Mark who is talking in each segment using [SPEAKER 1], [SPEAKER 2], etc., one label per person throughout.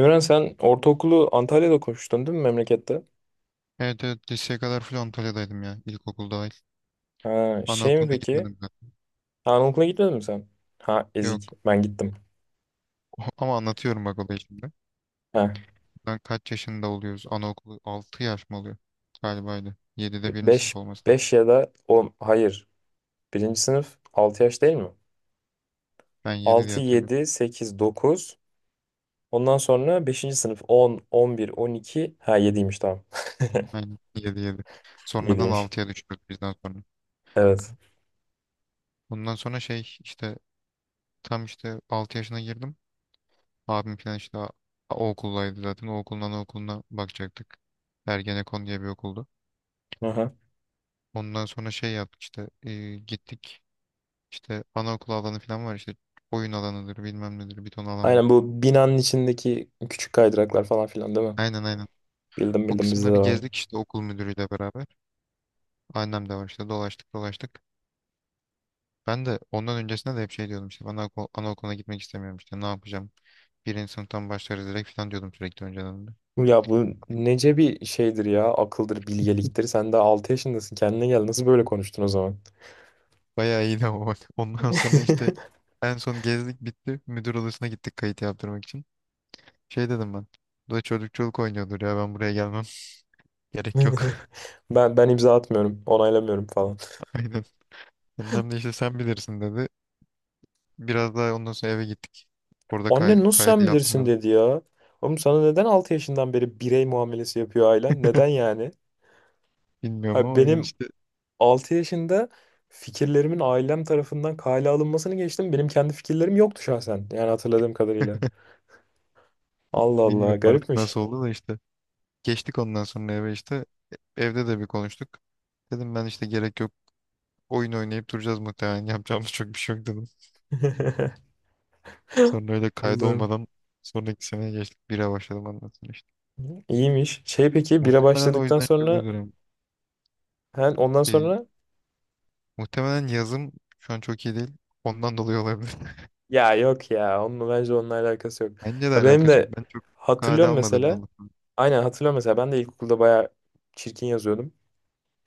[SPEAKER 1] Emren sen ortaokulu Antalya'da okumuştun değil mi memlekette?
[SPEAKER 2] Evet, evet, liseye kadar full Antalya'daydım ya. İlkokul dahil.
[SPEAKER 1] Ha, şey mi
[SPEAKER 2] Anaokuluna
[SPEAKER 1] peki?
[SPEAKER 2] gitmedim ben.
[SPEAKER 1] Ha, anaokula gitmedin mi sen? Ha ezik
[SPEAKER 2] Yok.
[SPEAKER 1] ben gittim.
[SPEAKER 2] Ama anlatıyorum bak olayı şimdi.
[SPEAKER 1] Ha
[SPEAKER 2] Ben kaç yaşında oluyoruz? Anaokulu 6 yaş mı oluyor? Galibaydı. 7'de birinci sınıf
[SPEAKER 1] 5
[SPEAKER 2] olması lazım.
[SPEAKER 1] 5 ya da 10 hayır. Birinci sınıf 6 yaş değil mi?
[SPEAKER 2] Ben 7 diye
[SPEAKER 1] 6
[SPEAKER 2] hatırlıyorum.
[SPEAKER 1] 7 8 9 Ondan sonra beşinci sınıf on on bir on iki Ha yediymiş tamam.
[SPEAKER 2] Aynen, 7 7. Sonradan
[SPEAKER 1] Yediymiş.
[SPEAKER 2] altıya düşürdük bizden sonra.
[SPEAKER 1] Evet.
[SPEAKER 2] Bundan sonra şey işte tam işte 6 yaşına girdim. Abim falan işte o okuldaydı zaten. O okuldan o okuluna bakacaktık. Ergenekon diye bir okuldu.
[SPEAKER 1] Aha.
[SPEAKER 2] Ondan sonra şey yaptık işte, gittik. İşte anaokulu alanı falan var işte, oyun alanıdır bilmem nedir, bir ton alan var.
[SPEAKER 1] Aynen bu binanın içindeki küçük kaydıraklar falan filan değil mi?
[SPEAKER 2] Aynen, aynen.
[SPEAKER 1] Bildim
[SPEAKER 2] O
[SPEAKER 1] bildim bizde de
[SPEAKER 2] kısımları
[SPEAKER 1] var.
[SPEAKER 2] gezdik işte, okul müdürüyle beraber. Annem de var işte, dolaştık dolaştık. Ben de ondan öncesinde de hep şey diyordum işte, bana anaokuluna gitmek istemiyorum işte, ne yapacağım. Birinci sınıftan başlarız direkt falan diyordum sürekli önceden de.
[SPEAKER 1] Ya bu nece bir şeydir ya akıldır bilgeliktir. Sen de 6 yaşındasın kendine gel nasıl böyle konuştun o zaman?
[SPEAKER 2] Bayağı iyiydi ama bak. Ondan sonra işte en son gezdik bitti. Müdür odasına gittik kayıt yaptırmak için. Şey dedim ben. Bu da çocuk çocuk oynuyordur ya, ben buraya gelmem. Gerek yok.
[SPEAKER 1] Ben imza atmıyorum onaylamıyorum falan.
[SPEAKER 2] Aynen. Annem de işte sen bilirsin dedi. Biraz daha ondan sonra eve gittik. Orada
[SPEAKER 1] Anne
[SPEAKER 2] kay
[SPEAKER 1] nasıl
[SPEAKER 2] kaydı
[SPEAKER 1] sen bilirsin
[SPEAKER 2] yaptırmadım.
[SPEAKER 1] dedi ya. Oğlum sana neden 6 yaşından beri birey muamelesi yapıyor ailen? Neden yani?
[SPEAKER 2] Bilmiyorum
[SPEAKER 1] Ha,
[SPEAKER 2] ama yani
[SPEAKER 1] benim
[SPEAKER 2] işte,
[SPEAKER 1] 6 yaşında fikirlerimin ailem tarafından kale alınmasını geçtim. Benim kendi fikirlerim yoktu şahsen. Yani hatırladığım kadarıyla. Allah Allah
[SPEAKER 2] bilmiyorum artık
[SPEAKER 1] garipmiş.
[SPEAKER 2] nasıl oldu da işte. Geçtik ondan sonra eve işte. Evde de bir konuştuk. Dedim ben işte, gerek yok. Oyun oynayıp duracağız muhtemelen. Yapacağımız çok bir şey yok dedim. Sonra öyle
[SPEAKER 1] Allah'ım.
[SPEAKER 2] kaydolmadan sonraki seneye geçtik. Bire başladım ondan sonra işte.
[SPEAKER 1] İyiymiş. Şey peki bira
[SPEAKER 2] Muhtemelen o
[SPEAKER 1] başladıktan
[SPEAKER 2] yüzden şöyle
[SPEAKER 1] sonra
[SPEAKER 2] diyorum.
[SPEAKER 1] Ha, ondan
[SPEAKER 2] E,
[SPEAKER 1] sonra
[SPEAKER 2] muhtemelen yazım şu an çok iyi değil. Ondan dolayı olabilir.
[SPEAKER 1] ya yok ya onunla bence onunla alakası yok.
[SPEAKER 2] Bence de
[SPEAKER 1] Ya benim
[SPEAKER 2] alakası yok.
[SPEAKER 1] de
[SPEAKER 2] Ben çok kale
[SPEAKER 1] hatırlıyorum
[SPEAKER 2] almadığımdan
[SPEAKER 1] mesela.
[SPEAKER 2] dolayı.
[SPEAKER 1] Aynen hatırlıyorum mesela ben de ilkokulda bayağı çirkin yazıyordum.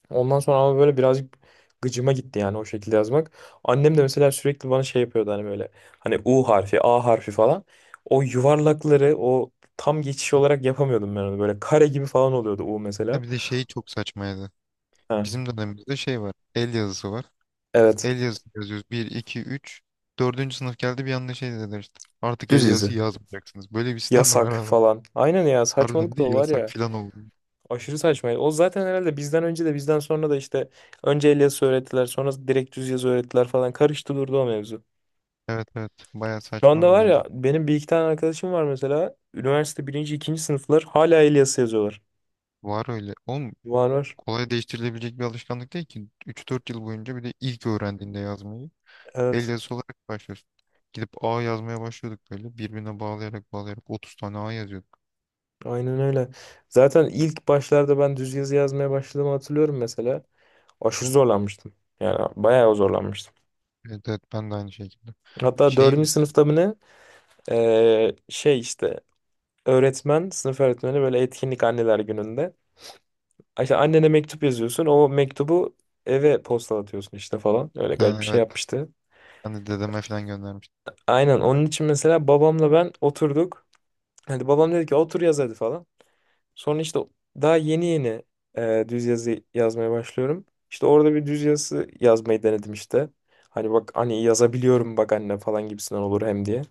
[SPEAKER 1] Ondan sonra ama böyle birazcık gıcıma gitti yani o şekilde yazmak. Annem de mesela sürekli bana şey yapıyordu hani böyle hani U harfi, A harfi falan. O yuvarlakları o tam geçiş olarak yapamıyordum ben onu. Böyle kare gibi falan oluyordu U
[SPEAKER 2] Ha,
[SPEAKER 1] mesela.
[SPEAKER 2] bir de şey çok saçmaydı.
[SPEAKER 1] Ha,
[SPEAKER 2] Bizim dönemimizde şey var. El yazısı var.
[SPEAKER 1] evet.
[SPEAKER 2] El yazısı yazıyoruz. Bir 2 üç, dördüncü sınıf geldi bir anda, şey dediler işte. Artık
[SPEAKER 1] Düz
[SPEAKER 2] el yazısı
[SPEAKER 1] yazı.
[SPEAKER 2] yazmayacaksınız. Böyle bir sistem mi var
[SPEAKER 1] Yasak
[SPEAKER 2] abi?
[SPEAKER 1] falan. Aynen ya
[SPEAKER 2] Harbiden
[SPEAKER 1] saçmalık da
[SPEAKER 2] bir
[SPEAKER 1] o
[SPEAKER 2] de
[SPEAKER 1] var
[SPEAKER 2] yasak
[SPEAKER 1] ya.
[SPEAKER 2] filan oldu.
[SPEAKER 1] Aşırı saçmaydı. O zaten herhalde bizden önce de bizden sonra da işte önce el yazısı öğrettiler sonra direkt düz yazı öğrettiler falan karıştı durdu o mevzu.
[SPEAKER 2] Evet, evet. Baya
[SPEAKER 1] Şu
[SPEAKER 2] saçma bir
[SPEAKER 1] anda var ya
[SPEAKER 2] mevzu.
[SPEAKER 1] benim bir iki tane arkadaşım var mesela üniversite birinci ikinci sınıflar hala el yazısı yazıyorlar.
[SPEAKER 2] Var öyle. Oğlum,
[SPEAKER 1] Var var.
[SPEAKER 2] kolay değiştirilebilecek bir alışkanlık değil ki. Üç dört yıl boyunca, bir de ilk öğrendiğinde yazmayı el
[SPEAKER 1] Evet.
[SPEAKER 2] yazısı olarak başlıyorsun. Gidip A yazmaya başlıyorduk böyle. Birbirine bağlayarak bağlayarak 30 tane A yazıyorduk.
[SPEAKER 1] Aynen öyle. Zaten ilk başlarda ben düz yazı yazmaya başladığımı hatırlıyorum mesela. Aşırı zorlanmıştım. Yani bayağı zorlanmıştım.
[SPEAKER 2] Evet, evet, ben de aynı şekilde.
[SPEAKER 1] Hatta
[SPEAKER 2] Şey,
[SPEAKER 1] dördüncü sınıfta mı ne? Şey işte öğretmen, sınıf öğretmeni böyle etkinlik anneler gününde. İşte annene mektup yazıyorsun. O mektubu eve postalatıyorsun işte falan. Öyle
[SPEAKER 2] ha,
[SPEAKER 1] garip bir şey
[SPEAKER 2] evet,
[SPEAKER 1] yapmıştı.
[SPEAKER 2] ben de dedeme falan göndermiştim.
[SPEAKER 1] Aynen onun için mesela babamla ben oturduk. Hadi babam dedi ki otur yaz hadi falan. Sonra işte daha yeni yeni düz yazı yazmaya başlıyorum. İşte orada bir düz yazı yazmayı denedim işte. Hani bak hani yazabiliyorum bak anne falan gibisinden olur hem diye.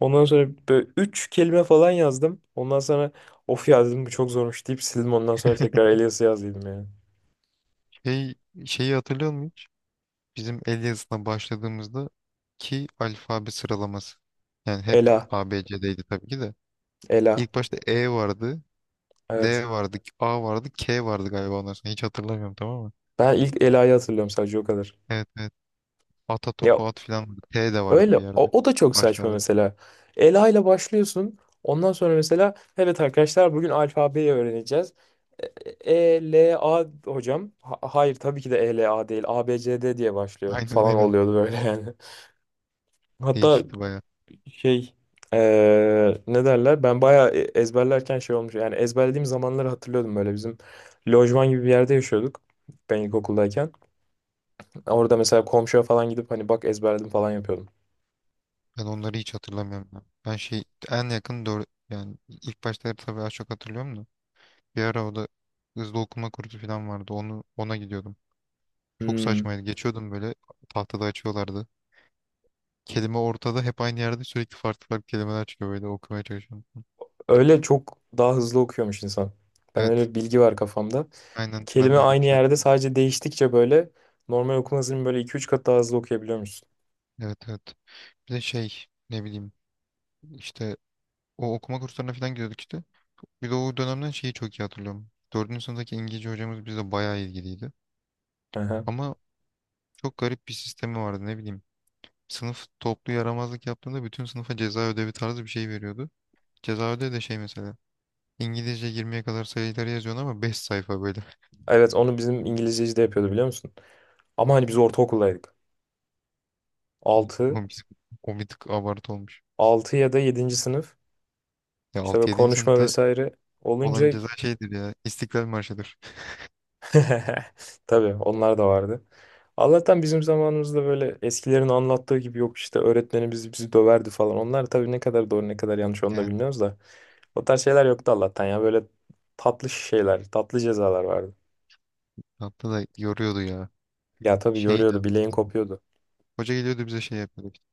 [SPEAKER 1] Ondan sonra böyle üç kelime falan yazdım. Ondan sonra of ya dedim bu çok zormuş deyip sildim. Ondan sonra tekrar Elias'ı yazdım yani.
[SPEAKER 2] Şey, şeyi hatırlıyor musun hiç? Bizim el yazısına başladığımızda ki alfabe sıralaması. Yani hep
[SPEAKER 1] Ela,
[SPEAKER 2] A B ABC'deydi tabii ki de.
[SPEAKER 1] Ela.
[SPEAKER 2] İlk başta E vardı, L
[SPEAKER 1] Evet.
[SPEAKER 2] vardı, A vardı, K vardı galiba ondan sonra. Hiç hatırlamıyorum, tamam mı?
[SPEAKER 1] Ben ilk Ela'yı hatırlıyorum sadece o kadar.
[SPEAKER 2] Evet, evet. Ata
[SPEAKER 1] Ya
[SPEAKER 2] topu at filan vardı. T de vardı
[SPEAKER 1] öyle
[SPEAKER 2] bir yerde.
[SPEAKER 1] o da çok saçma
[SPEAKER 2] Başlarda.
[SPEAKER 1] mesela. Ela ile başlıyorsun. Ondan sonra mesela evet arkadaşlar bugün alfabeyi öğreneceğiz. E, E, L, A hocam. Hayır tabii ki de E, L, A değil. A, B, C, D diye başlıyor
[SPEAKER 2] Aynen,
[SPEAKER 1] falan
[SPEAKER 2] aynen.
[SPEAKER 1] oluyordu böyle yani. Hatta
[SPEAKER 2] Değişikti baya.
[SPEAKER 1] şey ne derler? Ben bayağı ezberlerken şey olmuş. Yani ezberlediğim zamanları hatırlıyordum böyle. Bizim lojman gibi bir yerde yaşıyorduk. Ben ilkokuldayken. Orada mesela komşuya falan gidip hani bak ezberledim falan yapıyordum.
[SPEAKER 2] Ben onları hiç hatırlamıyorum ya. Ben şey, en yakın doğru yani ilk başta tabii az çok hatırlıyorum da. Bir ara o da hızlı okuma kursu falan vardı. Onu, ona gidiyordum. Çok
[SPEAKER 1] Hmm.
[SPEAKER 2] saçmaydı. Geçiyordum böyle, tahtada açıyorlardı. Kelime ortada hep aynı yerde, sürekli farklı farklı kelimeler çıkıyor, böyle okumaya çalışıyorum.
[SPEAKER 1] Öyle çok daha hızlı okuyormuş insan. Ben
[SPEAKER 2] Evet.
[SPEAKER 1] öyle bir bilgi var kafamda.
[SPEAKER 2] Aynen, ben
[SPEAKER 1] Kelime
[SPEAKER 2] de öyle bir
[SPEAKER 1] aynı
[SPEAKER 2] şey
[SPEAKER 1] yerde
[SPEAKER 2] yaptım.
[SPEAKER 1] sadece değiştikçe böyle normal okuma hızının böyle iki üç kat daha hızlı okuyabiliyormuşsun.
[SPEAKER 2] Evet, evet. Bir de şey, ne bileyim işte, o okuma kurslarına falan gidiyorduk işte. Bir de o dönemden şeyi çok iyi hatırlıyorum. Dördüncü sınıftaki İngilizce hocamız bize bayağı ilgiliydi.
[SPEAKER 1] Aha.
[SPEAKER 2] Ama çok garip bir sistemi vardı, ne bileyim. Sınıf toplu yaramazlık yaptığında bütün sınıfa ceza ödevi tarzı bir şey veriyordu. Ceza ödevi de şey mesela. İngilizce 20'ye kadar sayıları yazıyorsun ama 5 sayfa böyle.
[SPEAKER 1] Evet onu bizim İngilizceci de yapıyordu biliyor musun? Ama hani biz ortaokuldaydık. 6
[SPEAKER 2] Komik, o bir tık abartı olmuş.
[SPEAKER 1] 6 ya da yedinci sınıf
[SPEAKER 2] Ya
[SPEAKER 1] işte böyle
[SPEAKER 2] 6-7.
[SPEAKER 1] konuşma
[SPEAKER 2] Sınıfta
[SPEAKER 1] vesaire olunca
[SPEAKER 2] olan ceza şeydir ya. İstiklal Marşı'dır.
[SPEAKER 1] Tabii onlar da vardı. Allah'tan bizim zamanımızda böyle eskilerin anlattığı gibi yok işte öğretmenimiz bizi döverdi falan. Onlar tabii ne kadar doğru ne kadar yanlış onu da
[SPEAKER 2] Yani
[SPEAKER 1] bilmiyoruz da. O tarz şeyler yoktu Allah'tan ya böyle tatlı şeyler, tatlı cezalar vardı.
[SPEAKER 2] hatta da yoruyordu ya.
[SPEAKER 1] Ya tabii
[SPEAKER 2] Şey de.
[SPEAKER 1] yoruyordu, bileğin kopuyordu.
[SPEAKER 2] Hoca geliyordu bize şey yapıyordu işte.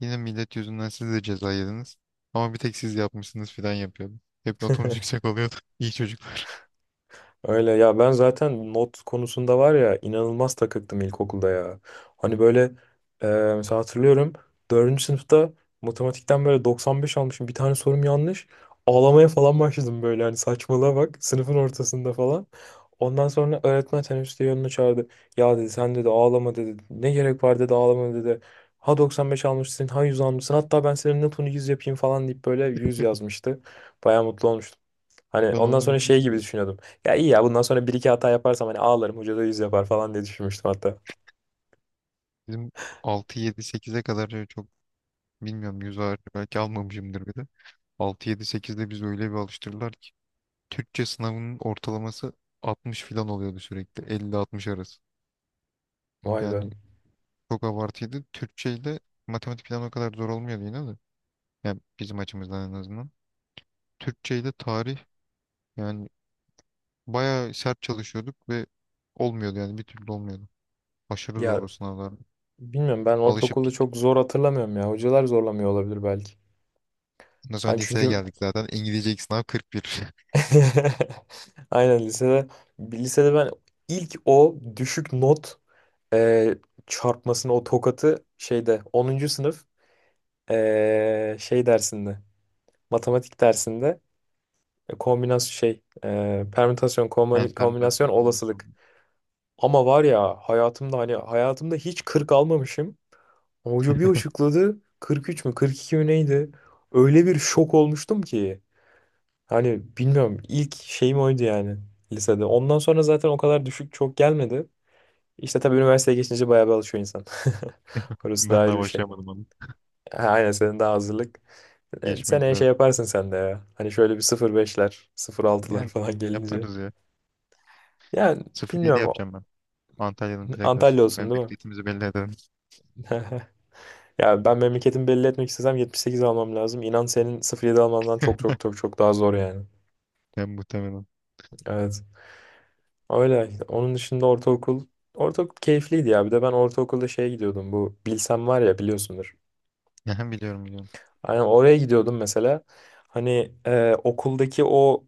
[SPEAKER 2] Yine millet yüzünden siz de ceza yediniz. Ama bir tek siz yapmışsınız filan yapıyordu. Hep notumuz yüksek oluyordu. İyi çocuk.
[SPEAKER 1] Öyle ya ben zaten not konusunda var ya inanılmaz takıktım ilkokulda ya. Hani böyle e, mesela hatırlıyorum dördüncü sınıfta matematikten böyle 95 almışım bir tane sorum yanlış. Ağlamaya falan başladım böyle hani saçmalığa bak sınıfın ortasında falan. Ondan sonra öğretmen teneffüste yanına çağırdı. Ya dedi sen dedi ağlama dedi. Ne gerek var dedi ağlama dedi. Ha 95 almışsın ha 100 almışsın hatta ben senin notunu 100 yapayım falan deyip böyle 100 yazmıştı. Baya mutlu olmuştum. Hani
[SPEAKER 2] Ben
[SPEAKER 1] ondan
[SPEAKER 2] onu
[SPEAKER 1] sonra şey
[SPEAKER 2] bilmiyorum
[SPEAKER 1] gibi
[SPEAKER 2] da.
[SPEAKER 1] düşünüyordum. Ya iyi ya bundan sonra bir iki hata yaparsam hani ağlarım hoca da yüz yapar falan diye düşünmüştüm hatta.
[SPEAKER 2] Bizim altı yedi sekize kadar şey çok bilmiyorum. Yüz ağır belki almamışımdır bir de. 6-7-8'de biz öyle bir alıştırdılar ki. Türkçe sınavının ortalaması 60 filan oluyordu sürekli. 50-60 arası.
[SPEAKER 1] Vay be.
[SPEAKER 2] Yani çok abartıydı. Türkçeyle matematik falan o kadar zor olmuyordu yine de. Yani bizim açımızdan en azından. Türkçeyle tarih yani bayağı sert çalışıyorduk ve olmuyordu, yani bir türlü olmuyordu. Aşırı zor o
[SPEAKER 1] Ya
[SPEAKER 2] sınavlar. Evet.
[SPEAKER 1] bilmiyorum ben
[SPEAKER 2] Alışıp
[SPEAKER 1] ortaokulda
[SPEAKER 2] gittik.
[SPEAKER 1] çok zor hatırlamıyorum ya. Hocalar zorlamıyor olabilir belki.
[SPEAKER 2] Ondan sonra
[SPEAKER 1] Hani
[SPEAKER 2] liseye
[SPEAKER 1] çünkü
[SPEAKER 2] geldik zaten. İngilizce ilk sınav 41.
[SPEAKER 1] aynen lisede ben ilk o düşük not e, çarpmasını o tokatı şeyde onuncu sınıf şey dersinde matematik dersinde kombinasyon şey permütasyon
[SPEAKER 2] Yani
[SPEAKER 1] kombinasyon
[SPEAKER 2] permütasyon kombinasyonu.
[SPEAKER 1] olasılık. Ama var ya hayatımda hani hayatımda hiç 40 almamışım. Hoca bir açıkladı 43 mü 42 mi neydi? Öyle bir şok olmuştum ki. Hani bilmiyorum ilk şeyim oydu yani lisede. Ondan sonra zaten o kadar düşük çok gelmedi. İşte tabii üniversiteye geçince bayağı bir alışıyor insan. Orası da
[SPEAKER 2] Ben
[SPEAKER 1] ayrı
[SPEAKER 2] daha
[SPEAKER 1] bir şey.
[SPEAKER 2] başlayamadım onu.
[SPEAKER 1] Ha, aynen senin de hazırlık.
[SPEAKER 2] Geçmek
[SPEAKER 1] Seneye şey
[SPEAKER 2] lazım.
[SPEAKER 1] yaparsın sen de ya. Hani şöyle bir sıfır beşler sıfır altılar
[SPEAKER 2] Yani,
[SPEAKER 1] falan gelince.
[SPEAKER 2] yaparız ya.
[SPEAKER 1] Yani
[SPEAKER 2] 07
[SPEAKER 1] bilmiyorum.
[SPEAKER 2] yapacağım ben. Antalya'nın plakası.
[SPEAKER 1] Antalya olsun değil mi?
[SPEAKER 2] Memleketimizi belli ederim.
[SPEAKER 1] Ya ben memleketimi belli etmek istesem 78 almam lazım. İnan senin sıfır yedi almandan çok çok çok çok daha zor yani.
[SPEAKER 2] Ben muhtemelen.
[SPEAKER 1] Evet. Öyle. Onun dışında ortaokul. Ortaokul keyifliydi ya. Bir de ben ortaokulda şeye gidiyordum. Bu Bilsem var ya biliyorsundur.
[SPEAKER 2] Yani, biliyorum, biliyorum.
[SPEAKER 1] Aynen oraya gidiyordum mesela. Hani okuldaki o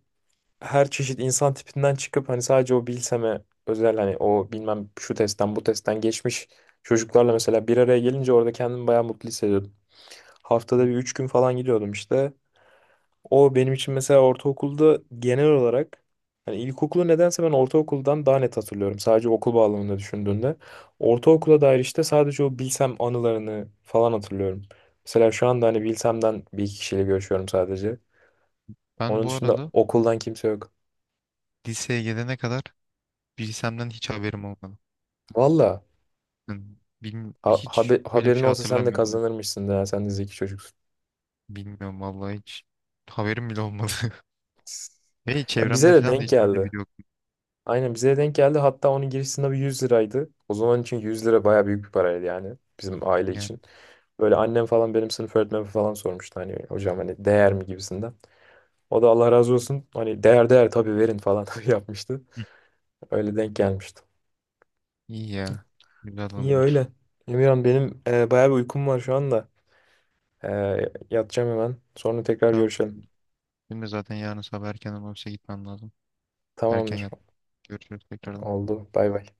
[SPEAKER 1] her çeşit insan tipinden çıkıp hani sadece o bilseme özel hani o bilmem şu testten bu testten geçmiş çocuklarla mesela bir araya gelince orada kendimi bayağı mutlu hissediyordum. Haftada bir üç gün falan gidiyordum işte. O benim için mesela ortaokulda genel olarak hani ilkokulu nedense ben ortaokuldan daha net hatırlıyorum. Sadece okul bağlamında düşündüğünde. Ortaokula dair işte sadece o bilsem anılarını falan hatırlıyorum. Mesela şu anda hani bilsemden bir iki kişiyle görüşüyorum sadece.
[SPEAKER 2] Ben
[SPEAKER 1] Onun
[SPEAKER 2] bu
[SPEAKER 1] dışında
[SPEAKER 2] arada
[SPEAKER 1] okuldan kimse yok.
[SPEAKER 2] liseye gelene kadar bilsemden hiç haberim olmadı.
[SPEAKER 1] Valla.
[SPEAKER 2] Yani, hiç öyle bir
[SPEAKER 1] Haberin
[SPEAKER 2] şey
[SPEAKER 1] olsa sen de
[SPEAKER 2] hatırlamıyorum yani.
[SPEAKER 1] kazanırmışsın da ya, sen de zeki çocuksun.
[SPEAKER 2] Bilmiyorum vallahi, hiç haberim bile olmadı. Ve
[SPEAKER 1] Ya bize
[SPEAKER 2] çevremde
[SPEAKER 1] de
[SPEAKER 2] falan da
[SPEAKER 1] denk
[SPEAKER 2] hiç öyle
[SPEAKER 1] geldi.
[SPEAKER 2] biri yok.
[SPEAKER 1] Aynen bize de denk geldi. Hatta onun giriş sınavı 100 liraydı. O zaman için 100 lira baya büyük bir paraydı yani bizim aile
[SPEAKER 2] Yani,
[SPEAKER 1] için. Böyle annem falan benim sınıf öğretmenim falan sormuştu hani hocam hani değer mi gibisinden. O da Allah razı olsun hani değer değer tabii verin falan yapmıştı.
[SPEAKER 2] hı,
[SPEAKER 1] Öyle denk gelmişti.
[SPEAKER 2] iyi ya. Güzel
[SPEAKER 1] İyi öyle.
[SPEAKER 2] anılar.
[SPEAKER 1] Emirhan benim bayağı bir uykum var şu anda. E, yatacağım hemen. Sonra tekrar
[SPEAKER 2] Tamam.
[SPEAKER 1] görüşelim.
[SPEAKER 2] Benim de zaten yarın sabah erken olursa gitmem lazım. Erken
[SPEAKER 1] Tamamdır.
[SPEAKER 2] yat. Görüşürüz tekrardan.
[SPEAKER 1] Oldu. Bay bay.